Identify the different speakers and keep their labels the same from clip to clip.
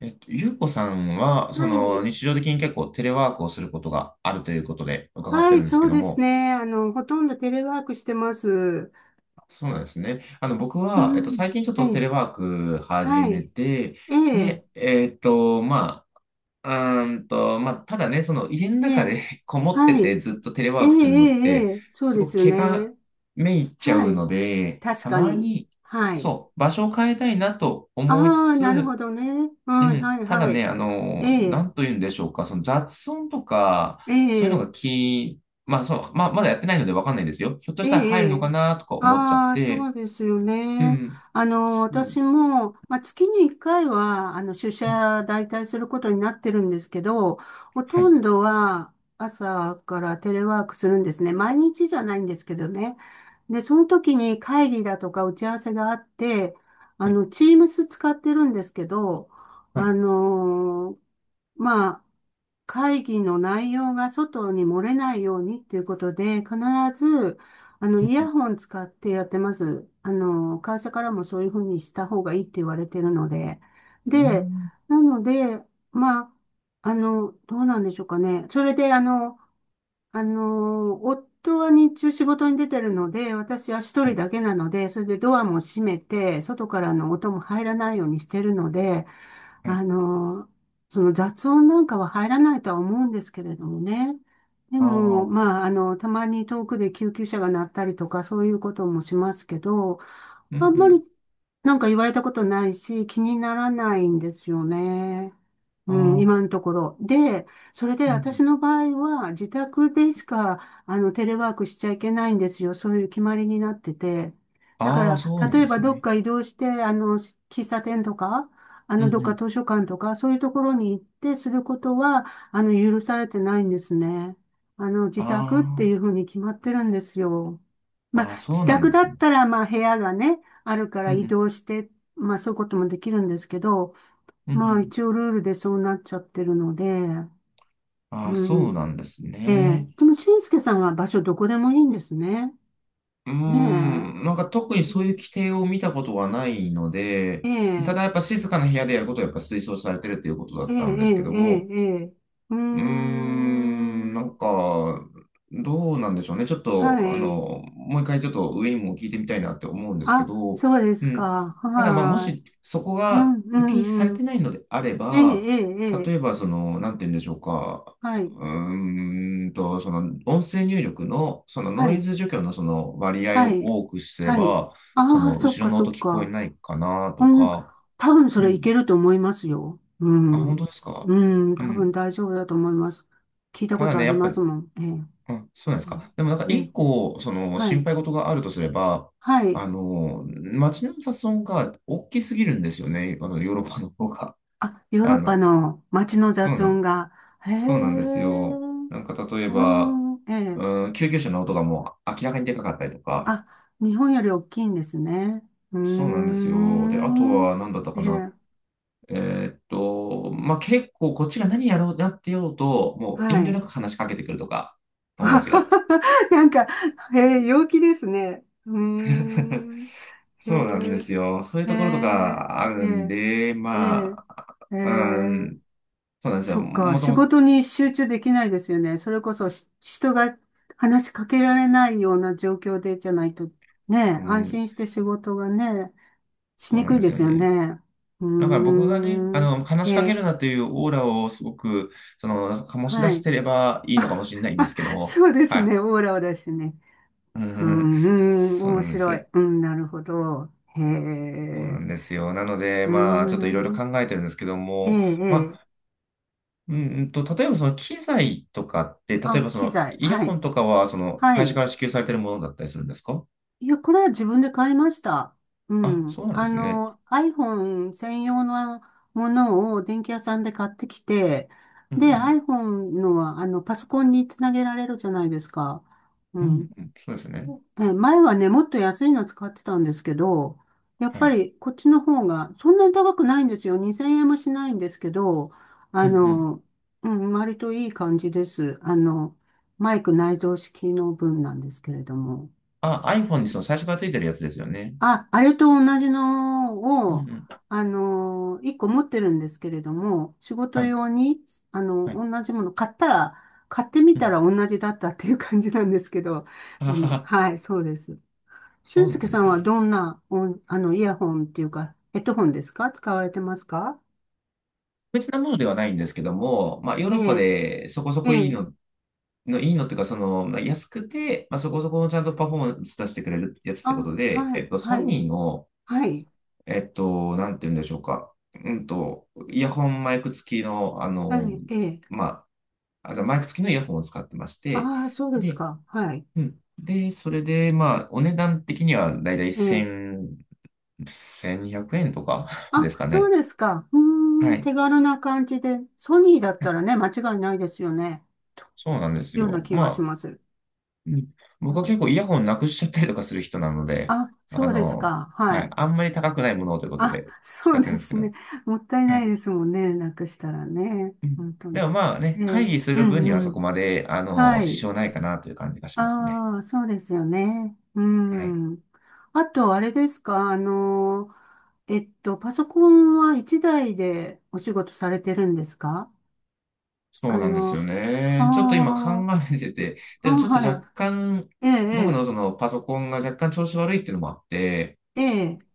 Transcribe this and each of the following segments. Speaker 1: ゆうこさんは、そ
Speaker 2: は
Speaker 1: の
Speaker 2: い。
Speaker 1: 日常的に結構テレワークをすることがあるということで伺っ
Speaker 2: は
Speaker 1: て
Speaker 2: い、
Speaker 1: るんです
Speaker 2: そ
Speaker 1: け
Speaker 2: う
Speaker 1: ど
Speaker 2: です
Speaker 1: も。
Speaker 2: ね。ほとんどテレワークしてます。う
Speaker 1: そうなんですね。僕は、
Speaker 2: ん。
Speaker 1: 最近ちょっ
Speaker 2: え
Speaker 1: とテ
Speaker 2: え。
Speaker 1: レワーク始
Speaker 2: は
Speaker 1: め
Speaker 2: い。
Speaker 1: て、
Speaker 2: ええ。
Speaker 1: で、まあ、まあ、ただね、その家の
Speaker 2: え
Speaker 1: 中
Speaker 2: え。
Speaker 1: で こもっ
Speaker 2: は
Speaker 1: て
Speaker 2: い。
Speaker 1: てずっとテレ
Speaker 2: ええ、え
Speaker 1: ワークするのっ
Speaker 2: え、え
Speaker 1: て、
Speaker 2: え、そう
Speaker 1: す
Speaker 2: で
Speaker 1: ごく
Speaker 2: すよ
Speaker 1: 毛が
Speaker 2: ね。
Speaker 1: めいっちゃ
Speaker 2: は
Speaker 1: う
Speaker 2: い。
Speaker 1: ので、
Speaker 2: 確
Speaker 1: た
Speaker 2: か
Speaker 1: ま
Speaker 2: に。
Speaker 1: に、
Speaker 2: はい。
Speaker 1: そう、場所を変えたいなと思いつ
Speaker 2: ああ、なるほ
Speaker 1: つ。
Speaker 2: どね。う
Speaker 1: う
Speaker 2: ん、
Speaker 1: ん、
Speaker 2: はい、
Speaker 1: ただ
Speaker 2: は
Speaker 1: ね、
Speaker 2: い。え
Speaker 1: な
Speaker 2: え。
Speaker 1: んと言うんでしょうか。その雑音とか、
Speaker 2: え
Speaker 1: そういうのが
Speaker 2: え。
Speaker 1: 気、まあそう、まあ、まだやってないのでわかんないですよ。ひょっと
Speaker 2: え
Speaker 1: したら入るのか
Speaker 2: え、
Speaker 1: なとか思っちゃっ
Speaker 2: ああ、そ
Speaker 1: て。
Speaker 2: うですよ
Speaker 1: う
Speaker 2: ね。
Speaker 1: ん、そう、
Speaker 2: 私も、まあ、月に1回は、出
Speaker 1: うん、
Speaker 2: 社代替することになってるんですけど、ほ
Speaker 1: は
Speaker 2: と
Speaker 1: い、
Speaker 2: んどは朝からテレワークするんですね。毎日じゃないんですけどね。で、その時に会議だとか打ち合わせがあって、
Speaker 1: はい、
Speaker 2: Teams 使ってるんですけど、
Speaker 1: は
Speaker 2: あ
Speaker 1: い、
Speaker 2: の、まあ、会議の内容が外に漏れないようにっていうことで、必ず
Speaker 1: う
Speaker 2: イヤ
Speaker 1: ん、
Speaker 2: ホン使ってやってます。会社からもそういうふうにした方がいいって言われてるので。
Speaker 1: うん、う
Speaker 2: で、
Speaker 1: ん、
Speaker 2: なので、まあ、どうなんでしょうかね。それで、夫は日中仕事に出てるので、私は一
Speaker 1: は
Speaker 2: 人
Speaker 1: い、
Speaker 2: だけなので、それでドアも閉めて、外からの音も入らないようにしてるので、
Speaker 1: はい、
Speaker 2: あの、その雑音なんかは入らないとは思うんですけれどもね。で
Speaker 1: あ
Speaker 2: も、
Speaker 1: あ、
Speaker 2: まあ、たまに遠くで救急車が鳴ったりとか、そういうこともしますけど、
Speaker 1: うん、う
Speaker 2: あんまり
Speaker 1: ん、
Speaker 2: なんか言われたことないし、気にならないんですよね。う
Speaker 1: あ
Speaker 2: ん、
Speaker 1: あ、
Speaker 2: 今のところ。で、それで
Speaker 1: うんう
Speaker 2: 私
Speaker 1: ん、
Speaker 2: の場合は自宅でしか、テレワークしちゃいけないんですよ。そういう決まりになってて。だか
Speaker 1: ああ、
Speaker 2: ら、
Speaker 1: そうな
Speaker 2: 例
Speaker 1: ん
Speaker 2: え
Speaker 1: で
Speaker 2: ば
Speaker 1: す
Speaker 2: どっ
Speaker 1: ね。
Speaker 2: か移動して、喫茶店とか、
Speaker 1: うん、う
Speaker 2: どっか
Speaker 1: ん、
Speaker 2: 図書館とか、そういうところに行ってすることは、許されてないんですね。自宅ってい
Speaker 1: あ
Speaker 2: うふうに決まってるんですよ。ま
Speaker 1: あ、ああ、
Speaker 2: あ、
Speaker 1: そ
Speaker 2: 自
Speaker 1: うな
Speaker 2: 宅
Speaker 1: んで
Speaker 2: だ
Speaker 1: すね。
Speaker 2: ったら、まあ、部屋がね、あるから
Speaker 1: う
Speaker 2: 移
Speaker 1: ん、
Speaker 2: 動して、まあそういうこともできるんですけど、
Speaker 1: うん、うん、う
Speaker 2: まあ
Speaker 1: ん、
Speaker 2: 一応ルールでそうなっちゃってるので、
Speaker 1: ああ、
Speaker 2: う
Speaker 1: そう
Speaker 2: ん。
Speaker 1: なんです
Speaker 2: ええ。
Speaker 1: ね。
Speaker 2: でも、俊介さんは場所どこでもいいんですね。
Speaker 1: うー
Speaker 2: ねえ。
Speaker 1: ん。なんか特に
Speaker 2: う
Speaker 1: そういう
Speaker 2: ん、
Speaker 1: 規定を見たことはないの
Speaker 2: え
Speaker 1: で、た
Speaker 2: え、
Speaker 1: だやっぱ静かな部屋でやることはやっぱ推奨されてるっていうことだ
Speaker 2: え
Speaker 1: っ
Speaker 2: え、え
Speaker 1: たんで
Speaker 2: え、
Speaker 1: すけど
Speaker 2: ええ。
Speaker 1: も、
Speaker 2: ええ、うー
Speaker 1: うーん、なん
Speaker 2: ん。
Speaker 1: か、どうなんでしょうね。ちょっ
Speaker 2: は
Speaker 1: と、
Speaker 2: い。
Speaker 1: もう一回ちょっと上にも聞いてみたいなって思うんですけ
Speaker 2: あ、
Speaker 1: ど。
Speaker 2: そうで
Speaker 1: う
Speaker 2: す
Speaker 1: ん。
Speaker 2: か。
Speaker 1: ただ、まあ、も
Speaker 2: はい。
Speaker 1: しそこ
Speaker 2: うん、
Speaker 1: が
Speaker 2: う
Speaker 1: 禁止され
Speaker 2: ん、う
Speaker 1: て
Speaker 2: ん。
Speaker 1: ないのであれ
Speaker 2: ええ、
Speaker 1: ば、
Speaker 2: ええ、え
Speaker 1: 例
Speaker 2: え。
Speaker 1: えば、その、なんて言うんでしょうか。
Speaker 2: はい。
Speaker 1: その、音声入力の、その
Speaker 2: は
Speaker 1: ノイ
Speaker 2: い。
Speaker 1: ズ除去のその割合
Speaker 2: は
Speaker 1: を
Speaker 2: い。
Speaker 1: 多くすれ
Speaker 2: はい。
Speaker 1: ば、そ
Speaker 2: ああ、
Speaker 1: の、
Speaker 2: そっ
Speaker 1: 後ろ
Speaker 2: か、
Speaker 1: の
Speaker 2: そっ
Speaker 1: 音聞こえ
Speaker 2: か。
Speaker 1: ないかな
Speaker 2: う
Speaker 1: と
Speaker 2: ん、
Speaker 1: か。
Speaker 2: 多分そ
Speaker 1: う
Speaker 2: れい
Speaker 1: ん。
Speaker 2: けると思いますよ。う
Speaker 1: あ、本
Speaker 2: ん。
Speaker 1: 当ですか？
Speaker 2: うん、
Speaker 1: う
Speaker 2: 多
Speaker 1: ん、
Speaker 2: 分大丈夫だと思います。聞いた
Speaker 1: た
Speaker 2: こ
Speaker 1: だ
Speaker 2: とあ
Speaker 1: ね、
Speaker 2: り
Speaker 1: やっぱ、
Speaker 2: ますもん。
Speaker 1: あ、そうなんです
Speaker 2: ええ、え
Speaker 1: か。でもなんか
Speaker 2: え、え
Speaker 1: 一
Speaker 2: え、
Speaker 1: 個、その
Speaker 2: は
Speaker 1: 心
Speaker 2: い、
Speaker 1: 配事があるとすれば、
Speaker 2: はい。
Speaker 1: 街の雑音が大きすぎるんですよね。ヨーロッパの方が。
Speaker 2: あ、ヨーロ
Speaker 1: あ
Speaker 2: ッパ
Speaker 1: の、
Speaker 2: の街の
Speaker 1: そう
Speaker 2: 雑
Speaker 1: な
Speaker 2: 音
Speaker 1: ん、
Speaker 2: が、へえ、
Speaker 1: そうなんですよ。なんか例え
Speaker 2: う
Speaker 1: ば、
Speaker 2: ん、ええ、
Speaker 1: うん、救急車の音がもう明らかにでかかったりとか、
Speaker 2: あ、日本より大きいんですね。うー
Speaker 1: そうなんですよ。で、あと
Speaker 2: ん、
Speaker 1: は何だった
Speaker 2: え
Speaker 1: かな。
Speaker 2: え、
Speaker 1: えまあ、結構こっちが何やろうなってようと、もう
Speaker 2: は
Speaker 1: 遠慮な
Speaker 2: い。
Speaker 1: く話しかけてくるとか。友達が。
Speaker 2: なんか、ええ、陽気ですね。うー ん、へ
Speaker 1: そうなんですよ。そういう
Speaker 2: え。へ
Speaker 1: ところと
Speaker 2: え、
Speaker 1: かあ
Speaker 2: え
Speaker 1: るん
Speaker 2: え、
Speaker 1: で、
Speaker 2: ええ、
Speaker 1: まあ、
Speaker 2: え
Speaker 1: う
Speaker 2: え、
Speaker 1: ん、そうなんですよ。
Speaker 2: そっか。
Speaker 1: もと
Speaker 2: 仕
Speaker 1: もと、
Speaker 2: 事に集中できないですよね。それこそ人が話しかけられないような状況でじゃないと、ね、
Speaker 1: う
Speaker 2: 安
Speaker 1: ん、
Speaker 2: 心して仕事がね、し
Speaker 1: そう
Speaker 2: に
Speaker 1: なん
Speaker 2: くい
Speaker 1: で
Speaker 2: で
Speaker 1: すよ
Speaker 2: すよ
Speaker 1: ね。
Speaker 2: ね。う
Speaker 1: だから
Speaker 2: ー
Speaker 1: 僕がね、
Speaker 2: ん、
Speaker 1: 話
Speaker 2: え
Speaker 1: しかけ
Speaker 2: え、
Speaker 1: るなっていうオーラをすごく、その、醸し
Speaker 2: は
Speaker 1: 出し
Speaker 2: い。
Speaker 1: てればいいのかもしれないんです けど。
Speaker 2: そうで
Speaker 1: は
Speaker 2: す
Speaker 1: い。
Speaker 2: ね。オーラを出してね。
Speaker 1: う
Speaker 2: うー
Speaker 1: ん、
Speaker 2: ん、
Speaker 1: そう
Speaker 2: 面
Speaker 1: なんで
Speaker 2: 白い。
Speaker 1: す。
Speaker 2: うん、なるほど。へ
Speaker 1: そうな
Speaker 2: え、
Speaker 1: んですよ。なので、
Speaker 2: うー
Speaker 1: まあ、ちょっといろいろ
Speaker 2: ん、
Speaker 1: 考えてるんですけど
Speaker 2: ええ、
Speaker 1: も、
Speaker 2: え
Speaker 1: ま
Speaker 2: え、
Speaker 1: あ、うんうんと、例えばその機材とかって、例え
Speaker 2: あ、
Speaker 1: ばそ
Speaker 2: 機
Speaker 1: の
Speaker 2: 材。
Speaker 1: イヤ
Speaker 2: は
Speaker 1: ホ
Speaker 2: い、
Speaker 1: ンとかは、その
Speaker 2: は
Speaker 1: 会社か
Speaker 2: い。
Speaker 1: ら支給されてるものだったりするんですか？
Speaker 2: いや、これは自分で買いました。う
Speaker 1: あ、そ
Speaker 2: ん。
Speaker 1: うなんですね。
Speaker 2: iPhone 専用のものを電気屋さんで買ってきて、
Speaker 1: うんう
Speaker 2: で、
Speaker 1: ん。
Speaker 2: iPhone のは、パソコンにつなげられるじゃないですか。う
Speaker 1: うん
Speaker 2: ん。
Speaker 1: うん。そうですね。
Speaker 2: 前はね、もっと安いの使ってたんですけど、やっ
Speaker 1: は
Speaker 2: ぱ
Speaker 1: い。
Speaker 2: りこっちの方が、そんなに高くないんですよ。2000円もしないんですけど、
Speaker 1: う
Speaker 2: あ
Speaker 1: んうん。
Speaker 2: の、うん、割といい感じです。マイク内蔵式の分なんですけれども。
Speaker 1: あ、iPhone にその最初からついてるやつですよね。
Speaker 2: あ、あれと同じ
Speaker 1: う
Speaker 2: の
Speaker 1: ん
Speaker 2: を、
Speaker 1: うん。
Speaker 2: 一個持ってるんですけれども、仕
Speaker 1: は
Speaker 2: 事
Speaker 1: い。
Speaker 2: 用に、
Speaker 1: はい。
Speaker 2: 同じもの買ったら、買ってみ
Speaker 1: う
Speaker 2: た
Speaker 1: ん。
Speaker 2: ら同じだったっていう感じなんですけど、
Speaker 1: あはは。
Speaker 2: はい、そうです。
Speaker 1: そ
Speaker 2: 俊
Speaker 1: うなん
Speaker 2: 介
Speaker 1: で
Speaker 2: さ
Speaker 1: す
Speaker 2: んは
Speaker 1: ね。
Speaker 2: どんな、お、あの、イヤホンっていうか、ヘッドホンですか、使われてますか？
Speaker 1: 別なものではないんですけども、まあ、ヨー
Speaker 2: え
Speaker 1: ロッパ
Speaker 2: え、
Speaker 1: でそこそ
Speaker 2: え
Speaker 1: こいい
Speaker 2: え、
Speaker 1: の、いいのっていうか、その、まあ、安くて、まあ、そこそこのちゃんとパフォーマンス出してくれるやつってこ
Speaker 2: あ、
Speaker 1: とで、
Speaker 2: はい、
Speaker 1: ソ
Speaker 2: はい、
Speaker 1: ニーの、
Speaker 2: はい、
Speaker 1: なんて言うんでしょうか。イヤホンマイク付きの、
Speaker 2: はい、ええ、
Speaker 1: まあ、あとマイク付きのイヤホンを使ってまして、
Speaker 2: ああ、そうです
Speaker 1: で、
Speaker 2: か、はい、
Speaker 1: うん。で、それで、まあ、お値段的にはだいたい
Speaker 2: ええ、
Speaker 1: 1000、2 0 0円とか
Speaker 2: あ、
Speaker 1: ですか
Speaker 2: そう
Speaker 1: ね。
Speaker 2: ですか。う
Speaker 1: は
Speaker 2: ーん、
Speaker 1: い。
Speaker 2: 手軽な感じで。ソニーだっ
Speaker 1: は
Speaker 2: た
Speaker 1: い。
Speaker 2: らね、間違いないですよね。
Speaker 1: そうなんです
Speaker 2: ような
Speaker 1: よ。
Speaker 2: 気がし
Speaker 1: ま
Speaker 2: ま
Speaker 1: あ、
Speaker 2: す。
Speaker 1: うん、
Speaker 2: は
Speaker 1: 僕は
Speaker 2: い。
Speaker 1: 結構イヤホンなくしちゃったりとかする人なので、
Speaker 2: あ、そ
Speaker 1: あ
Speaker 2: うです
Speaker 1: の、
Speaker 2: か。は
Speaker 1: はい。
Speaker 2: い。
Speaker 1: あんまり高くないものをということ
Speaker 2: あ、
Speaker 1: で使
Speaker 2: そう
Speaker 1: って
Speaker 2: で
Speaker 1: るんですけ
Speaker 2: す
Speaker 1: ど。
Speaker 2: ね。もったい
Speaker 1: は
Speaker 2: ない
Speaker 1: い。
Speaker 2: ですもんね。なくしたらね。
Speaker 1: うん、
Speaker 2: 本当
Speaker 1: でも
Speaker 2: に。
Speaker 1: まあ
Speaker 2: え
Speaker 1: ね、会
Speaker 2: え、
Speaker 1: 議す
Speaker 2: う
Speaker 1: る分には
Speaker 2: んう
Speaker 1: そこ
Speaker 2: ん。
Speaker 1: まで、
Speaker 2: は
Speaker 1: 支
Speaker 2: い。
Speaker 1: 障ないかなという感じがしますね。
Speaker 2: ああ、そうですよね。う
Speaker 1: はい。
Speaker 2: ん。あと、あれですか。パソコンは一台でお仕事されてるんですか？
Speaker 1: そ
Speaker 2: あ
Speaker 1: うなんですよ
Speaker 2: の、あ
Speaker 1: ね。ちょっと今考
Speaker 2: あ、
Speaker 1: えてて、
Speaker 2: あ、
Speaker 1: でもちょっと
Speaker 2: はい。
Speaker 1: 若干、
Speaker 2: え
Speaker 1: 僕
Speaker 2: え、
Speaker 1: のそのパソコンが若干調子悪いっていうのもあって、
Speaker 2: ええ、ええ、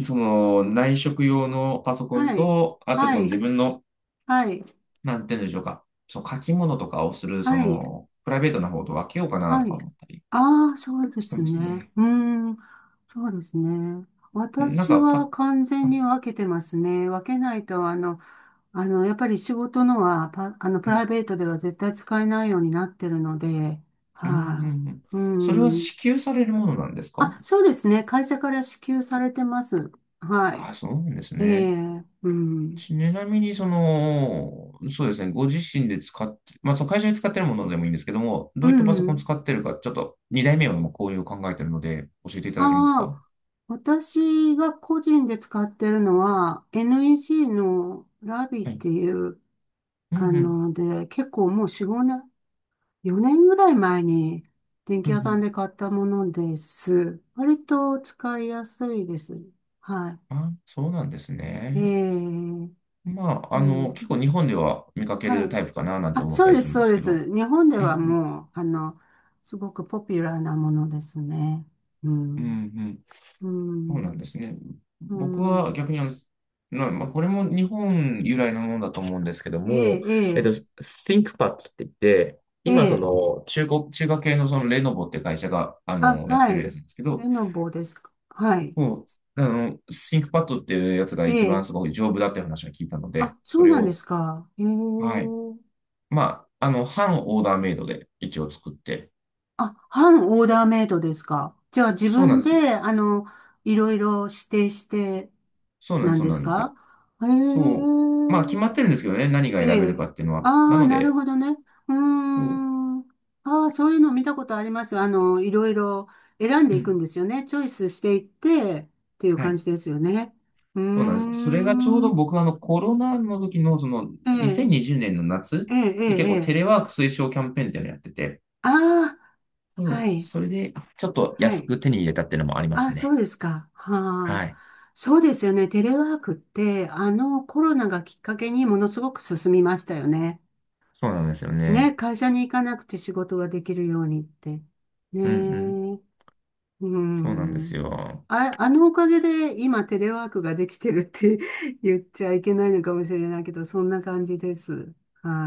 Speaker 1: その内職用のパソコン
Speaker 2: はい、
Speaker 1: と、あと
Speaker 2: は
Speaker 1: その
Speaker 2: い、
Speaker 1: 自分の、
Speaker 2: はい、
Speaker 1: なんて言うんでしょうか、その書き物とかをする、そ
Speaker 2: はい、
Speaker 1: のプライベートな方と分けようかな
Speaker 2: は
Speaker 1: とか
Speaker 2: い。
Speaker 1: 思ったり
Speaker 2: ああ、そうで
Speaker 1: して
Speaker 2: す
Speaker 1: ます
Speaker 2: ね。
Speaker 1: ね。
Speaker 2: うーん、そうですね。
Speaker 1: なん
Speaker 2: 私
Speaker 1: か
Speaker 2: は
Speaker 1: パ、
Speaker 2: 完全
Speaker 1: あ、
Speaker 2: に分けてますね。分けないと、やっぱり仕事のは、パ、あの、プ
Speaker 1: う
Speaker 2: ライ
Speaker 1: ん、
Speaker 2: ベートでは絶対使えないようになってるので、
Speaker 1: うん、う
Speaker 2: は
Speaker 1: ん。うん、
Speaker 2: い、うー
Speaker 1: それは
Speaker 2: ん。
Speaker 1: 支給されるものなんですか？
Speaker 2: あ、そうですね。会社から支給されてます。はい。
Speaker 1: あ、そうなんです
Speaker 2: え
Speaker 1: ね。
Speaker 2: え、うん。
Speaker 1: ちなみに、その、そうですね、ご自身で使って、まあ、その会社で使ってるものでもいいんですけども、
Speaker 2: う
Speaker 1: どういったパソコン
Speaker 2: ん。
Speaker 1: 使ってるか、ちょっと2代目はもうこういう考えてるので、教えていただけます
Speaker 2: あ、
Speaker 1: か？
Speaker 2: 私が個人で使ってるのは NEC のラビっ
Speaker 1: はい。
Speaker 2: ていう、
Speaker 1: うんうん。
Speaker 2: で、結構もう4、年、4年ぐらい前に電
Speaker 1: う
Speaker 2: 気
Speaker 1: んう
Speaker 2: 屋さん
Speaker 1: ん。
Speaker 2: で買ったものです。割と使いやすいです。は
Speaker 1: あ、そうなんです
Speaker 2: い。
Speaker 1: ね。
Speaker 2: ー、
Speaker 1: まあ、
Speaker 2: えー、
Speaker 1: 結構日本では見かけ
Speaker 2: は
Speaker 1: る
Speaker 2: い。
Speaker 1: タイプかななんて
Speaker 2: あ、
Speaker 1: 思っ
Speaker 2: そ
Speaker 1: た
Speaker 2: う
Speaker 1: り
Speaker 2: で
Speaker 1: す
Speaker 2: す、
Speaker 1: るんで
Speaker 2: そう
Speaker 1: す
Speaker 2: で
Speaker 1: けど。
Speaker 2: す。日本で
Speaker 1: うん
Speaker 2: は
Speaker 1: うん。
Speaker 2: もう、すごくポピュラーなものですね。う
Speaker 1: う
Speaker 2: ん、
Speaker 1: ん、
Speaker 2: う
Speaker 1: そうなん
Speaker 2: ん、
Speaker 1: ですね。
Speaker 2: う
Speaker 1: 僕は
Speaker 2: ん。
Speaker 1: 逆にまあ、まあこれも日本由来のものだと思うんですけど
Speaker 2: え
Speaker 1: も、
Speaker 2: え、え
Speaker 1: ThinkPad って言って、
Speaker 2: え、え
Speaker 1: 今そ
Speaker 2: え。
Speaker 1: の中国、中華系のそのレノボって会社が、
Speaker 2: あ、
Speaker 1: やっ
Speaker 2: は
Speaker 1: てるや
Speaker 2: い。
Speaker 1: つなんですけど、
Speaker 2: レノボですか。はい。
Speaker 1: もう、ThinkPad っていうやつが
Speaker 2: え
Speaker 1: 一番
Speaker 2: え。
Speaker 1: すごい丈夫だっていう話を聞いたので、
Speaker 2: あ、そ
Speaker 1: そ
Speaker 2: う
Speaker 1: れ
Speaker 2: なんです
Speaker 1: を、
Speaker 2: か。ええ。
Speaker 1: はい。まあ、半オーダーメイドで一応作って、
Speaker 2: あ、半オーダーメイドですか。じゃあ自
Speaker 1: そうなん
Speaker 2: 分
Speaker 1: ですよ。
Speaker 2: で、いろいろ指定して
Speaker 1: そうなんで
Speaker 2: な
Speaker 1: す、
Speaker 2: ん
Speaker 1: そう
Speaker 2: で
Speaker 1: な
Speaker 2: す
Speaker 1: んです。
Speaker 2: か？ええ。
Speaker 1: そう。まあ、決まってるんですけどね、何が
Speaker 2: え
Speaker 1: 選べる
Speaker 2: え。
Speaker 1: かっていうの
Speaker 2: あ
Speaker 1: は。な
Speaker 2: あ、
Speaker 1: の
Speaker 2: なる
Speaker 1: で、
Speaker 2: ほどね。うー
Speaker 1: そう。
Speaker 2: ん。ああ、そういうの見たことあります。いろいろ選んで
Speaker 1: う
Speaker 2: いくん
Speaker 1: ん、
Speaker 2: ですよね。チョイスしていってっていう
Speaker 1: は
Speaker 2: 感
Speaker 1: い。
Speaker 2: じですよね。うー
Speaker 1: そうなんです。それがちょうど
Speaker 2: ん。
Speaker 1: 僕はあのコロナの時のその
Speaker 2: ええ。
Speaker 1: 2020年の夏
Speaker 2: ええ、え
Speaker 1: に結
Speaker 2: え、え
Speaker 1: 構テ
Speaker 2: え。
Speaker 1: レワーク推奨キャンペーンっていうのをやってて、
Speaker 2: ああ、
Speaker 1: そ
Speaker 2: は
Speaker 1: う、
Speaker 2: い、
Speaker 1: それでちょっと
Speaker 2: は
Speaker 1: 安
Speaker 2: い。
Speaker 1: く手に入れたっていうのもありま
Speaker 2: あ、
Speaker 1: す
Speaker 2: そ
Speaker 1: ね。
Speaker 2: うですか。は
Speaker 1: は
Speaker 2: あ、
Speaker 1: い。
Speaker 2: そうですよね。テレワークって、あのコロナがきっかけにものすごく進みましたよね。
Speaker 1: そうなんですよ
Speaker 2: ね、
Speaker 1: ね。
Speaker 2: 会社に行かなくて仕事ができるようにって。ね
Speaker 1: うんうん。
Speaker 2: え、う
Speaker 1: そうなんです
Speaker 2: ん。
Speaker 1: よ。
Speaker 2: あ、あのおかげで今テレワークができてるって 言っちゃいけないのかもしれないけど、そんな感じです。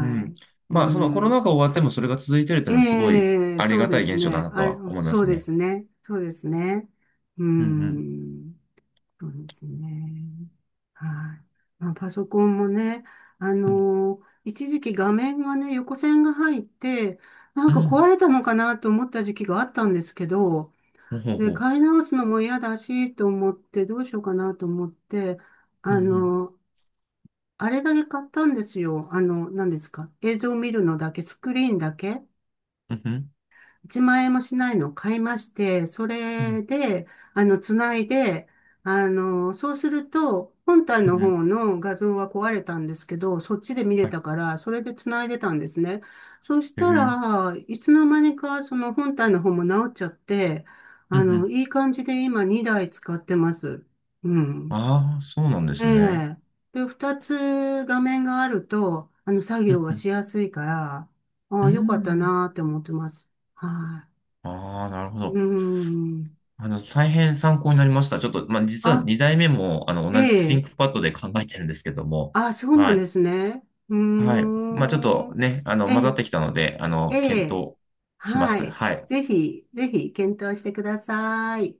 Speaker 1: うん。
Speaker 2: い。う
Speaker 1: まあそのコロ
Speaker 2: ん。
Speaker 1: ナ禍終わってもそれが続いてるっていうのはすごい
Speaker 2: ええ、
Speaker 1: あり
Speaker 2: そう
Speaker 1: が
Speaker 2: で
Speaker 1: たい
Speaker 2: す
Speaker 1: 現象だ
Speaker 2: ね。
Speaker 1: なと
Speaker 2: あ、
Speaker 1: は思いま
Speaker 2: そう
Speaker 1: す
Speaker 2: で
Speaker 1: ね。
Speaker 2: すね。そうですね。う
Speaker 1: うん
Speaker 2: ん、そうですね。はい。まあ、パソコンもね、
Speaker 1: うん。うん。
Speaker 2: 一時期画面がね、横線が入って、なん
Speaker 1: う
Speaker 2: か壊
Speaker 1: ん。
Speaker 2: れたのかなと思った時期があったんですけど、
Speaker 1: ほう
Speaker 2: で、
Speaker 1: ほ
Speaker 2: 買い直すのも嫌だし、と思って、どうしようかなと思って、
Speaker 1: う。う
Speaker 2: あ
Speaker 1: んうん。
Speaker 2: の、あれだけ買ったんですよ。何ですか。映像を見るのだけ、スクリーンだけ。
Speaker 1: うんうん。
Speaker 2: 1万円もしないのを買いまして、そ
Speaker 1: う
Speaker 2: れ
Speaker 1: ん
Speaker 2: で、つないで、そうすると、本体
Speaker 1: う
Speaker 2: の
Speaker 1: ん。うんうん、
Speaker 2: 方の画像が壊れたんですけど、そっちで見れ
Speaker 1: はい。
Speaker 2: たから、それでつないでたんですね。そし
Speaker 1: へえ。う
Speaker 2: た
Speaker 1: ん
Speaker 2: ら、いつの間にか、その本体の方も直っちゃって、
Speaker 1: うん。
Speaker 2: いい感じで今2台使ってます。うん。
Speaker 1: ああ、そうなんで
Speaker 2: え
Speaker 1: すね。
Speaker 2: え。で、2つ画面があると、作
Speaker 1: う
Speaker 2: 業
Speaker 1: ん
Speaker 2: が
Speaker 1: うん、
Speaker 2: しやすいから、あ
Speaker 1: う
Speaker 2: あ、よかった
Speaker 1: ん、
Speaker 2: なーって思ってます。はい。
Speaker 1: ああー、なるほ
Speaker 2: うー
Speaker 1: ど。
Speaker 2: ん。
Speaker 1: 大変参考になりました。ちょっと、まあ、実は
Speaker 2: あ、
Speaker 1: 2代目も、
Speaker 2: え
Speaker 1: 同じ
Speaker 2: え。
Speaker 1: ThinkPad で考えてるんですけども。
Speaker 2: あ、そうな
Speaker 1: は
Speaker 2: ん
Speaker 1: い。
Speaker 2: ですね。う
Speaker 1: はい。
Speaker 2: ー
Speaker 1: まあ、ちょっと
Speaker 2: ん。
Speaker 1: ね、
Speaker 2: え
Speaker 1: 混ざっ
Speaker 2: え、
Speaker 1: てきたので、
Speaker 2: え
Speaker 1: 検
Speaker 2: え。
Speaker 1: 討しま
Speaker 2: は
Speaker 1: す。
Speaker 2: い。
Speaker 1: はい。
Speaker 2: ぜひ、ぜひ、検討してください。